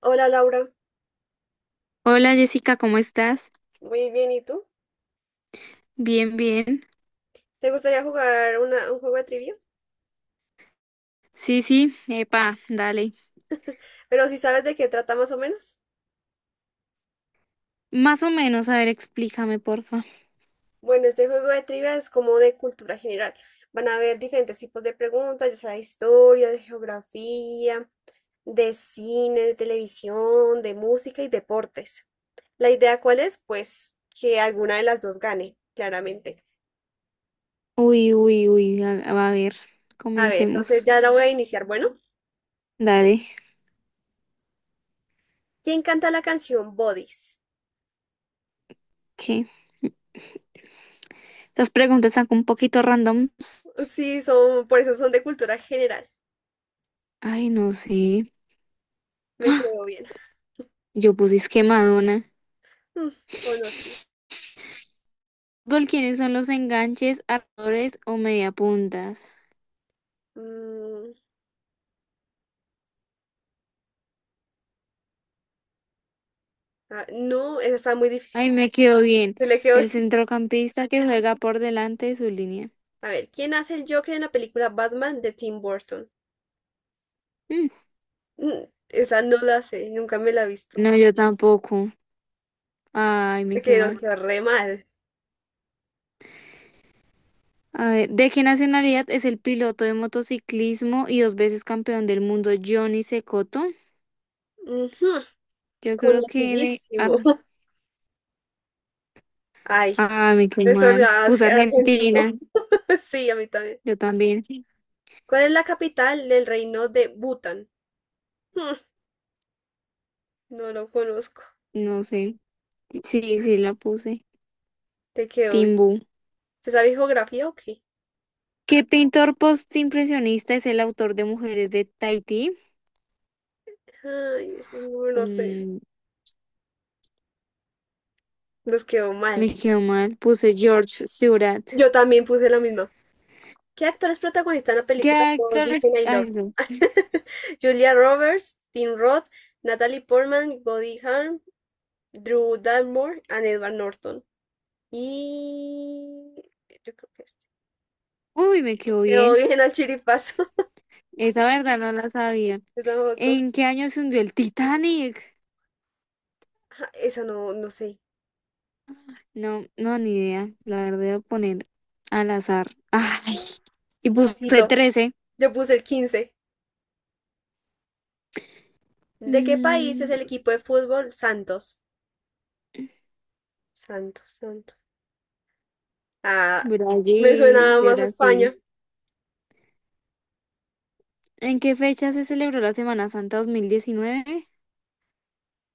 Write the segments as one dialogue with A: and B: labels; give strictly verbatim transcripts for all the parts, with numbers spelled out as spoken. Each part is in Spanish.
A: Hola Laura,
B: Hola Jessica, ¿cómo estás?
A: muy bien, ¿y tú?
B: Bien, bien.
A: ¿Te gustaría jugar una- un juego de trivia?
B: Sí, sí, epa, dale.
A: Pero si sabes de qué trata más o menos.
B: Más o menos, a ver, explícame, porfa.
A: Bueno, este juego de trivia es como de cultura general. Van a haber diferentes tipos de preguntas, ya sea de historia, de geografía, de cine, de televisión, de música y deportes. ¿La idea cuál es? Pues que alguna de las dos gane, claramente.
B: Uy, uy, uy, a, a ver,
A: A ver, entonces
B: comencemos.
A: ya la voy a iniciar. Bueno,
B: Dale,
A: ¿quién canta la canción Bodies?
B: ¿qué? Estas preguntas están un poquito randoms.
A: Sí, son, por eso son de cultura general.
B: Ay, no sé.
A: Me quedó bien.
B: Yo puse es que Madonna.
A: Mm, conocida.
B: ¿Por quiénes son los enganches, armadores o mediapuntas?
A: Mm, ah, no, esa está muy difícil.
B: Ay, me quedó bien.
A: Se le quedó.
B: El centrocampista que juega por delante de su línea.
A: A ver, ¿quién hace el Joker en la película Batman de Tim Burton?
B: Mm.
A: Mm, esa no la sé, nunca me la he visto.
B: No, yo tampoco. Ay, me quedó
A: Que nos
B: mal.
A: quedó re mal.
B: A ver, ¿de qué nacionalidad es el piloto de motociclismo y dos veces campeón del mundo Johnny Cecotto?
A: Ujú,
B: Yo creo que de...
A: conocidísimo.
B: Ar-
A: Ay,
B: Ah, me quedé
A: eso lo
B: mal. Puse
A: hace argentino.
B: Argentina,
A: Sí, a mí también.
B: yo también.
A: ¿Cuál es la capital del reino de Bután? Mm, no lo conozco.
B: No sé. Sí, sí, la puse.
A: Te quedó bien.
B: Timbú.
A: ¿Se sabe geografía o qué?
B: ¿Qué pintor postimpresionista es el autor de Mujeres de Tahití?
A: Ay, eso no lo sé.
B: Mm,
A: Nos quedó mal.
B: me quedó mal. Puse George Seurat.
A: Yo también puse la misma. ¿Qué actores protagonizan la
B: ¿Qué
A: película Todos
B: actores?
A: dicen I
B: Ay,
A: love you?
B: no.
A: Julia Roberts, Tim Roth, Natalie Portman, Goldie Hawn, Drew Barrymore and Edward Norton. Y yo creo que este.
B: Uy, me quedó
A: Quedó
B: bien.
A: bien al chiripazo.
B: Esa verdad no la sabía.
A: Yo tampoco.
B: ¿En qué año se hundió el Titanic?
A: Ajá, esa no, no sé.
B: No, no, ni idea. La verdad, voy a poner al azar. Ay, y puse
A: Casito.
B: trece.
A: Yo puse el quince. ¿De qué país es
B: Mm.
A: el equipo de fútbol Santos? Santos, Santos. Ah, me
B: Brasil,
A: suena
B: de
A: más a
B: Brasil.
A: España.
B: ¿En qué fecha se celebró la Semana Santa dos mil diecinueve?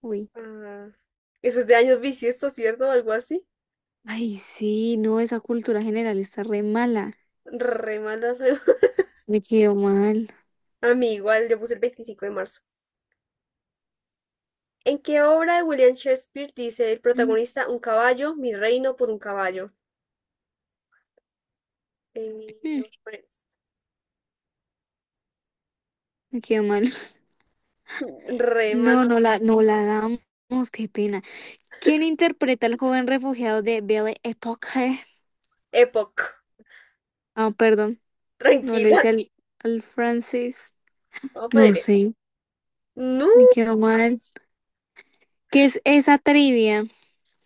B: Uy.
A: Ah, eso es de años bisiestos, ¿cierto? Algo así.
B: Ay, sí, no, esa cultura general está re mala.
A: Re mala, re mala.
B: Me quedó mal.
A: A mí igual, yo puse el veinticinco de marzo. ¿En qué obra de William Shakespeare dice el
B: Mm,
A: protagonista un caballo, mi reino por un caballo? Eh,
B: mm,
A: vamos a poner esto.
B: Me quedó mal.
A: Re
B: No, no
A: manos.
B: la, no la damos, qué pena. ¿Quién interpreta al joven refugiado de Belle Époque?
A: Epoch.
B: Ah, perdón, no le
A: Tranquila.
B: dice al, al francés.
A: Vamos a poner
B: No
A: esto.
B: sé.
A: No.
B: Me quedó mal. ¿Qué es esa trivia?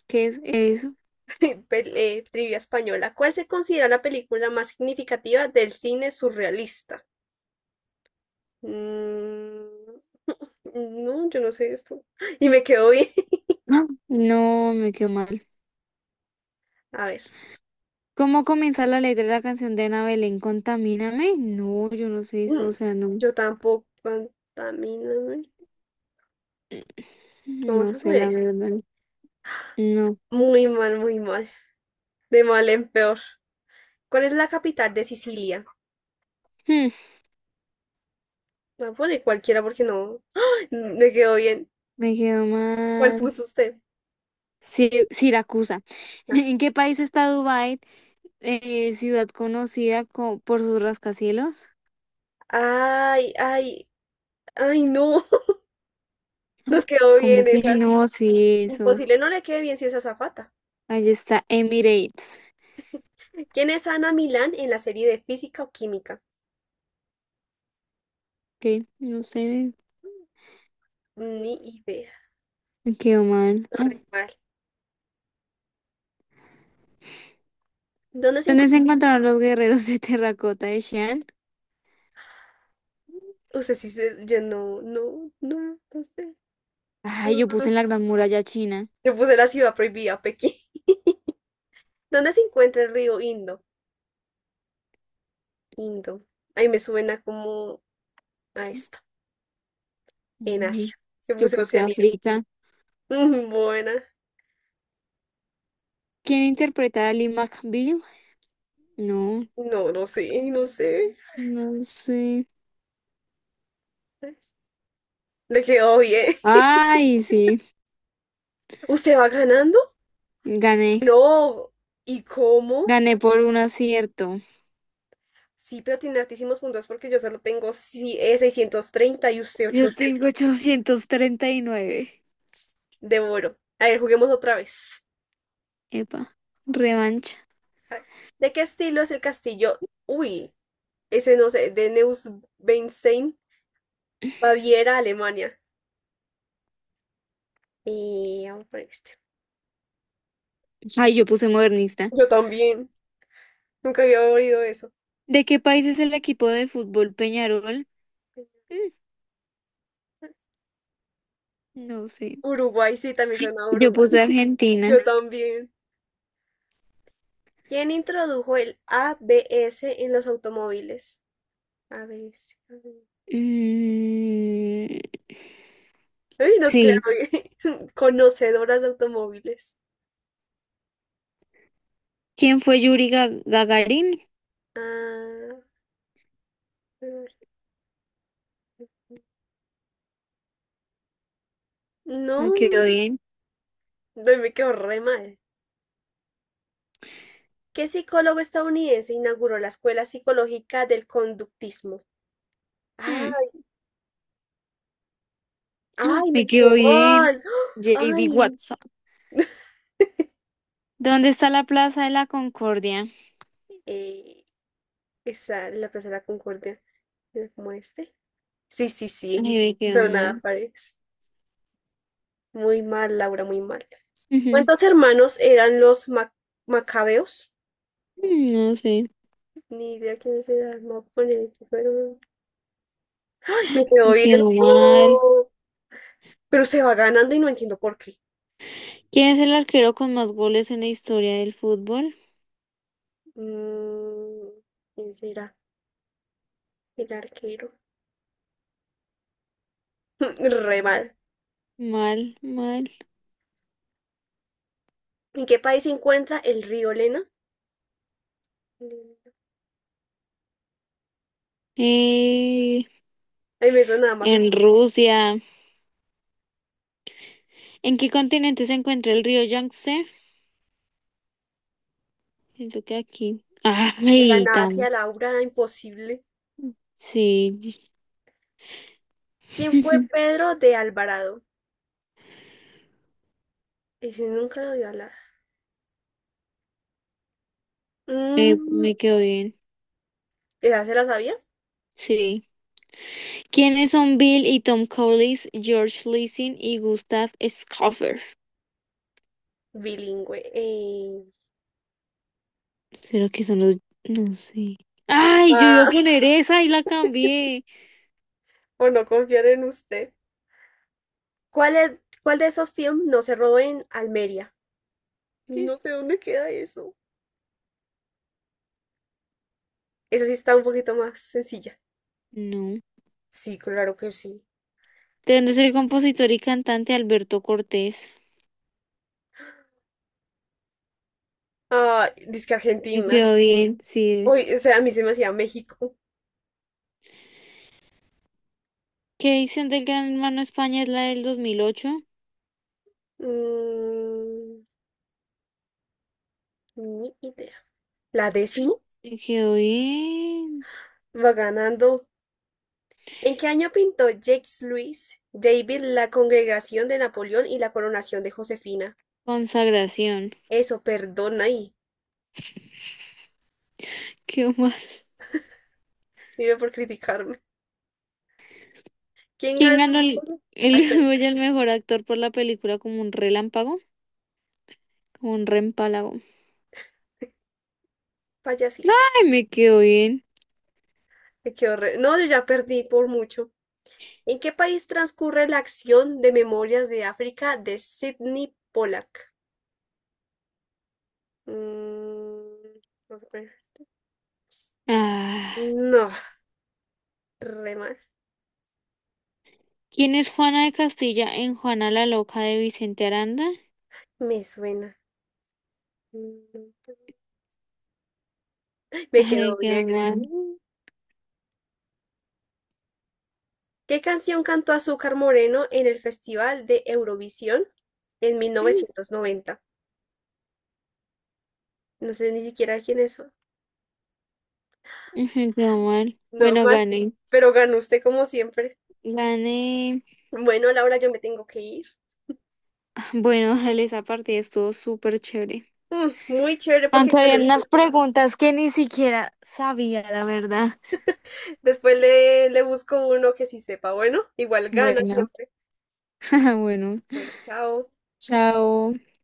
B: ¿Qué es eso?
A: Pel- eh, trivia española. ¿Cuál se considera la película más significativa del cine surrealista? Mm, no, yo no sé esto. Y me quedo bien.
B: Ah, no, me quedó mal.
A: A ver.
B: ¿Cómo comienza la letra de la canción de Ana Belén? ¿Contamíname? No, yo no sé eso,
A: Mm,
B: o sea, no,
A: yo tampoco. Contamina.
B: no
A: Vamos a
B: sé
A: poner
B: la
A: esto.
B: verdad. No.
A: Muy mal, muy mal. De mal en peor. ¿Cuál es la capital de Sicilia?
B: Hmm,
A: Voy a poner cualquiera porque no. ¡Ah! Me quedó bien.
B: me quedó
A: ¿Cuál
B: mal.
A: puso usted?
B: Si- Siracusa.
A: Ah.
B: ¿En qué país está Dubái? Eh, ciudad conocida co- por sus rascacielos.
A: Ay, ay, ay, no.
B: Ah,
A: Nos quedó
B: ¿cómo
A: bien
B: que
A: esas.
B: no? Sí, eso.
A: Imposible no le quede bien si es azafata.
B: Ahí está Emirates.
A: ¿Quién es Ana Milán en la serie de física o química?
B: Ok, no sé,
A: Ni idea.
B: me quedó mal.
A: Re mal. ¿Dónde se
B: ¿Dónde se
A: encuentra?
B: encontraron los guerreros de terracota de Xi'an?
A: Usted sí se. Yo no, no, no, no sé.
B: Ay, yo
A: Mm,
B: puse en la Gran Muralla China.
A: yo puse la ciudad prohibida, Pekín. ¿Dónde se encuentra el río Indo? Indo. Ahí me suena como a esta, en
B: Ay,
A: Asia, que
B: yo
A: puse
B: puse
A: Oceanía.
B: África.
A: Mm, buena.
B: ¿Quién interpretará a Lee McBeal? No,
A: No, no sé, no sé.
B: no sé.
A: Le quedó bien.
B: Ay, sí,
A: ¿Usted va ganando?
B: gané.
A: No. ¿Y cómo?
B: Gané por un acierto.
A: Sí, pero tiene altísimos puntos porque yo solo tengo si- eh, seiscientos treinta y usted
B: Yo
A: ochocientos.
B: tengo ochocientos treinta y nueve.
A: Devoro. A ver, juguemos otra vez.
B: Epa, revancha.
A: A ver, ¿de qué estilo es el castillo? Uy, ese no sé, de Neuschwanstein, Baviera, Alemania. Y vamos por este.
B: Ay, yo puse modernista.
A: Yo también. Nunca había oído eso.
B: ¿De qué país es el equipo de fútbol Peñarol? Mm, no sé.
A: Uruguay, sí, también suena a
B: Yo
A: Uruguay.
B: puse Argentina.
A: Yo también. ¿Quién introdujo el A B S en los automóviles? A B S. A B S.
B: Mm,
A: Ay, nos quedamos
B: sí.
A: conocedoras de automóviles.
B: ¿Quién fue Yuri Ga- Gagarin?
A: Ah, no.
B: Me quedó bien.
A: Ay, me quedó re mal. ¿Qué psicólogo estadounidense inauguró la Escuela Psicológica del Conductismo? Ay,
B: Hmm. ¡Ah!
A: ay, me
B: Me
A: quedó
B: quedó bien.
A: mal. ¡Ah!
B: J B
A: Ay.
B: Watson. ¿Dónde está la Plaza de la Concordia?
A: Eh, esa, la Plaza de la Concordia. Era como este. Sí, sí,
B: Ay,
A: sí.
B: me quedó
A: Sonaba
B: mal.
A: París. Muy mal, Laura, muy mal.
B: Ujú.
A: ¿Cuántos hermanos eran los ma- macabeos?
B: Mm, no sé,
A: Ni idea quiénes eran. No, poner aquí, pero- ¡Ay! Me quedó
B: me
A: bien.
B: quedó mal.
A: ¡Oh! Pero se va ganando y no entiendo por qué.
B: ¿Quién es el arquero con más goles en la historia del fútbol?
A: Mm, ¿quién será? El arquero. Re mal.
B: Mal, mal.
A: ¿En qué país se encuentra el río Lena? Lena.
B: Eh,
A: Ay, me suena nada más. eh,
B: en Rusia. ¿En qué continente se encuentra el río Yangtze? Siento que aquí.
A: Era en
B: Ay, tan.
A: Asia, Laura, imposible.
B: Sí.
A: ¿Quién fue Pedro de Alvarado? Ese nunca lo dio a hablar.
B: Eh,
A: Mm,
B: me quedó bien.
A: ¿esa se la sabía?
B: Sí. ¿Quiénes son Bill y Tom Collins, George Lessing y Gustav Schoffer?
A: Bilingüe. eh.
B: ¿Será que son los...? No sé. ¡Ay! Yo iba a
A: Ah,
B: poner esa y la cambié.
A: por no confiar en usted. ¿Cuál es, cuál de esos films no se rodó en Almería?
B: Mm.
A: No sé dónde queda eso. Esa sí está un poquito más sencilla.
B: No.
A: Sí, claro que sí.
B: Tendrá ser el compositor y cantante Alberto Cortés.
A: Ah, que
B: Me
A: Argentina.
B: quedó bien, sí.
A: Uy, o sea, a mí se me hacía México.
B: ¿Qué edición del Gran Hermano España es la del dos mil ocho?
A: Mm, ni idea. ¿La
B: Ay,
A: décimo?
B: me quedó bien.
A: Va ganando. ¿En qué año pintó Jacques-Louis David la Congregación de Napoleón y la coronación de Josefina?
B: Consagración.
A: Eso, perdona ahí.
B: Qué mal.
A: Sirve por criticarme. ¿Quién
B: ¿Quién
A: ganó?
B: ganó el, el
A: Ay, per-
B: Goya al mejor actor por la película como un relámpago? Como un reempálago.
A: payasita.
B: Ay, me quedó bien.
A: Me quedo re- No, yo ya perdí por mucho. ¿En qué país transcurre la acción de Memorias de África de Sidney Pollack? Mm, no, sé cuál es.
B: Ah,
A: No, re mal.
B: ¿quién es Juana de Castilla en Juana la Loca de Vicente Aranda?
A: Me suena. Mm, me
B: Ay,
A: quedó
B: me quedó
A: bien. ¿Eh?
B: mal.
A: ¿Qué canción cantó Azúcar Moreno en el Festival de Eurovisión en
B: Mm,
A: mil novecientos noventa? No sé ni siquiera quién es. Eso.
B: Me quedó mal.
A: No
B: Bueno,
A: mal,
B: gané.
A: pero ganó usted como siempre.
B: Gané.
A: Bueno, Laura, yo me tengo que ir.
B: Ah, bueno, dale, esa partida estuvo súper chévere.
A: Mm, muy chévere porque
B: Aunque
A: ganó
B: había
A: usted
B: unas
A: todas.
B: preguntas que ni siquiera sabía, la verdad.
A: Después le, le busco uno que sí sepa. Bueno, igual gana
B: Bueno,
A: siempre.
B: bueno,
A: Bueno, chao.
B: chao.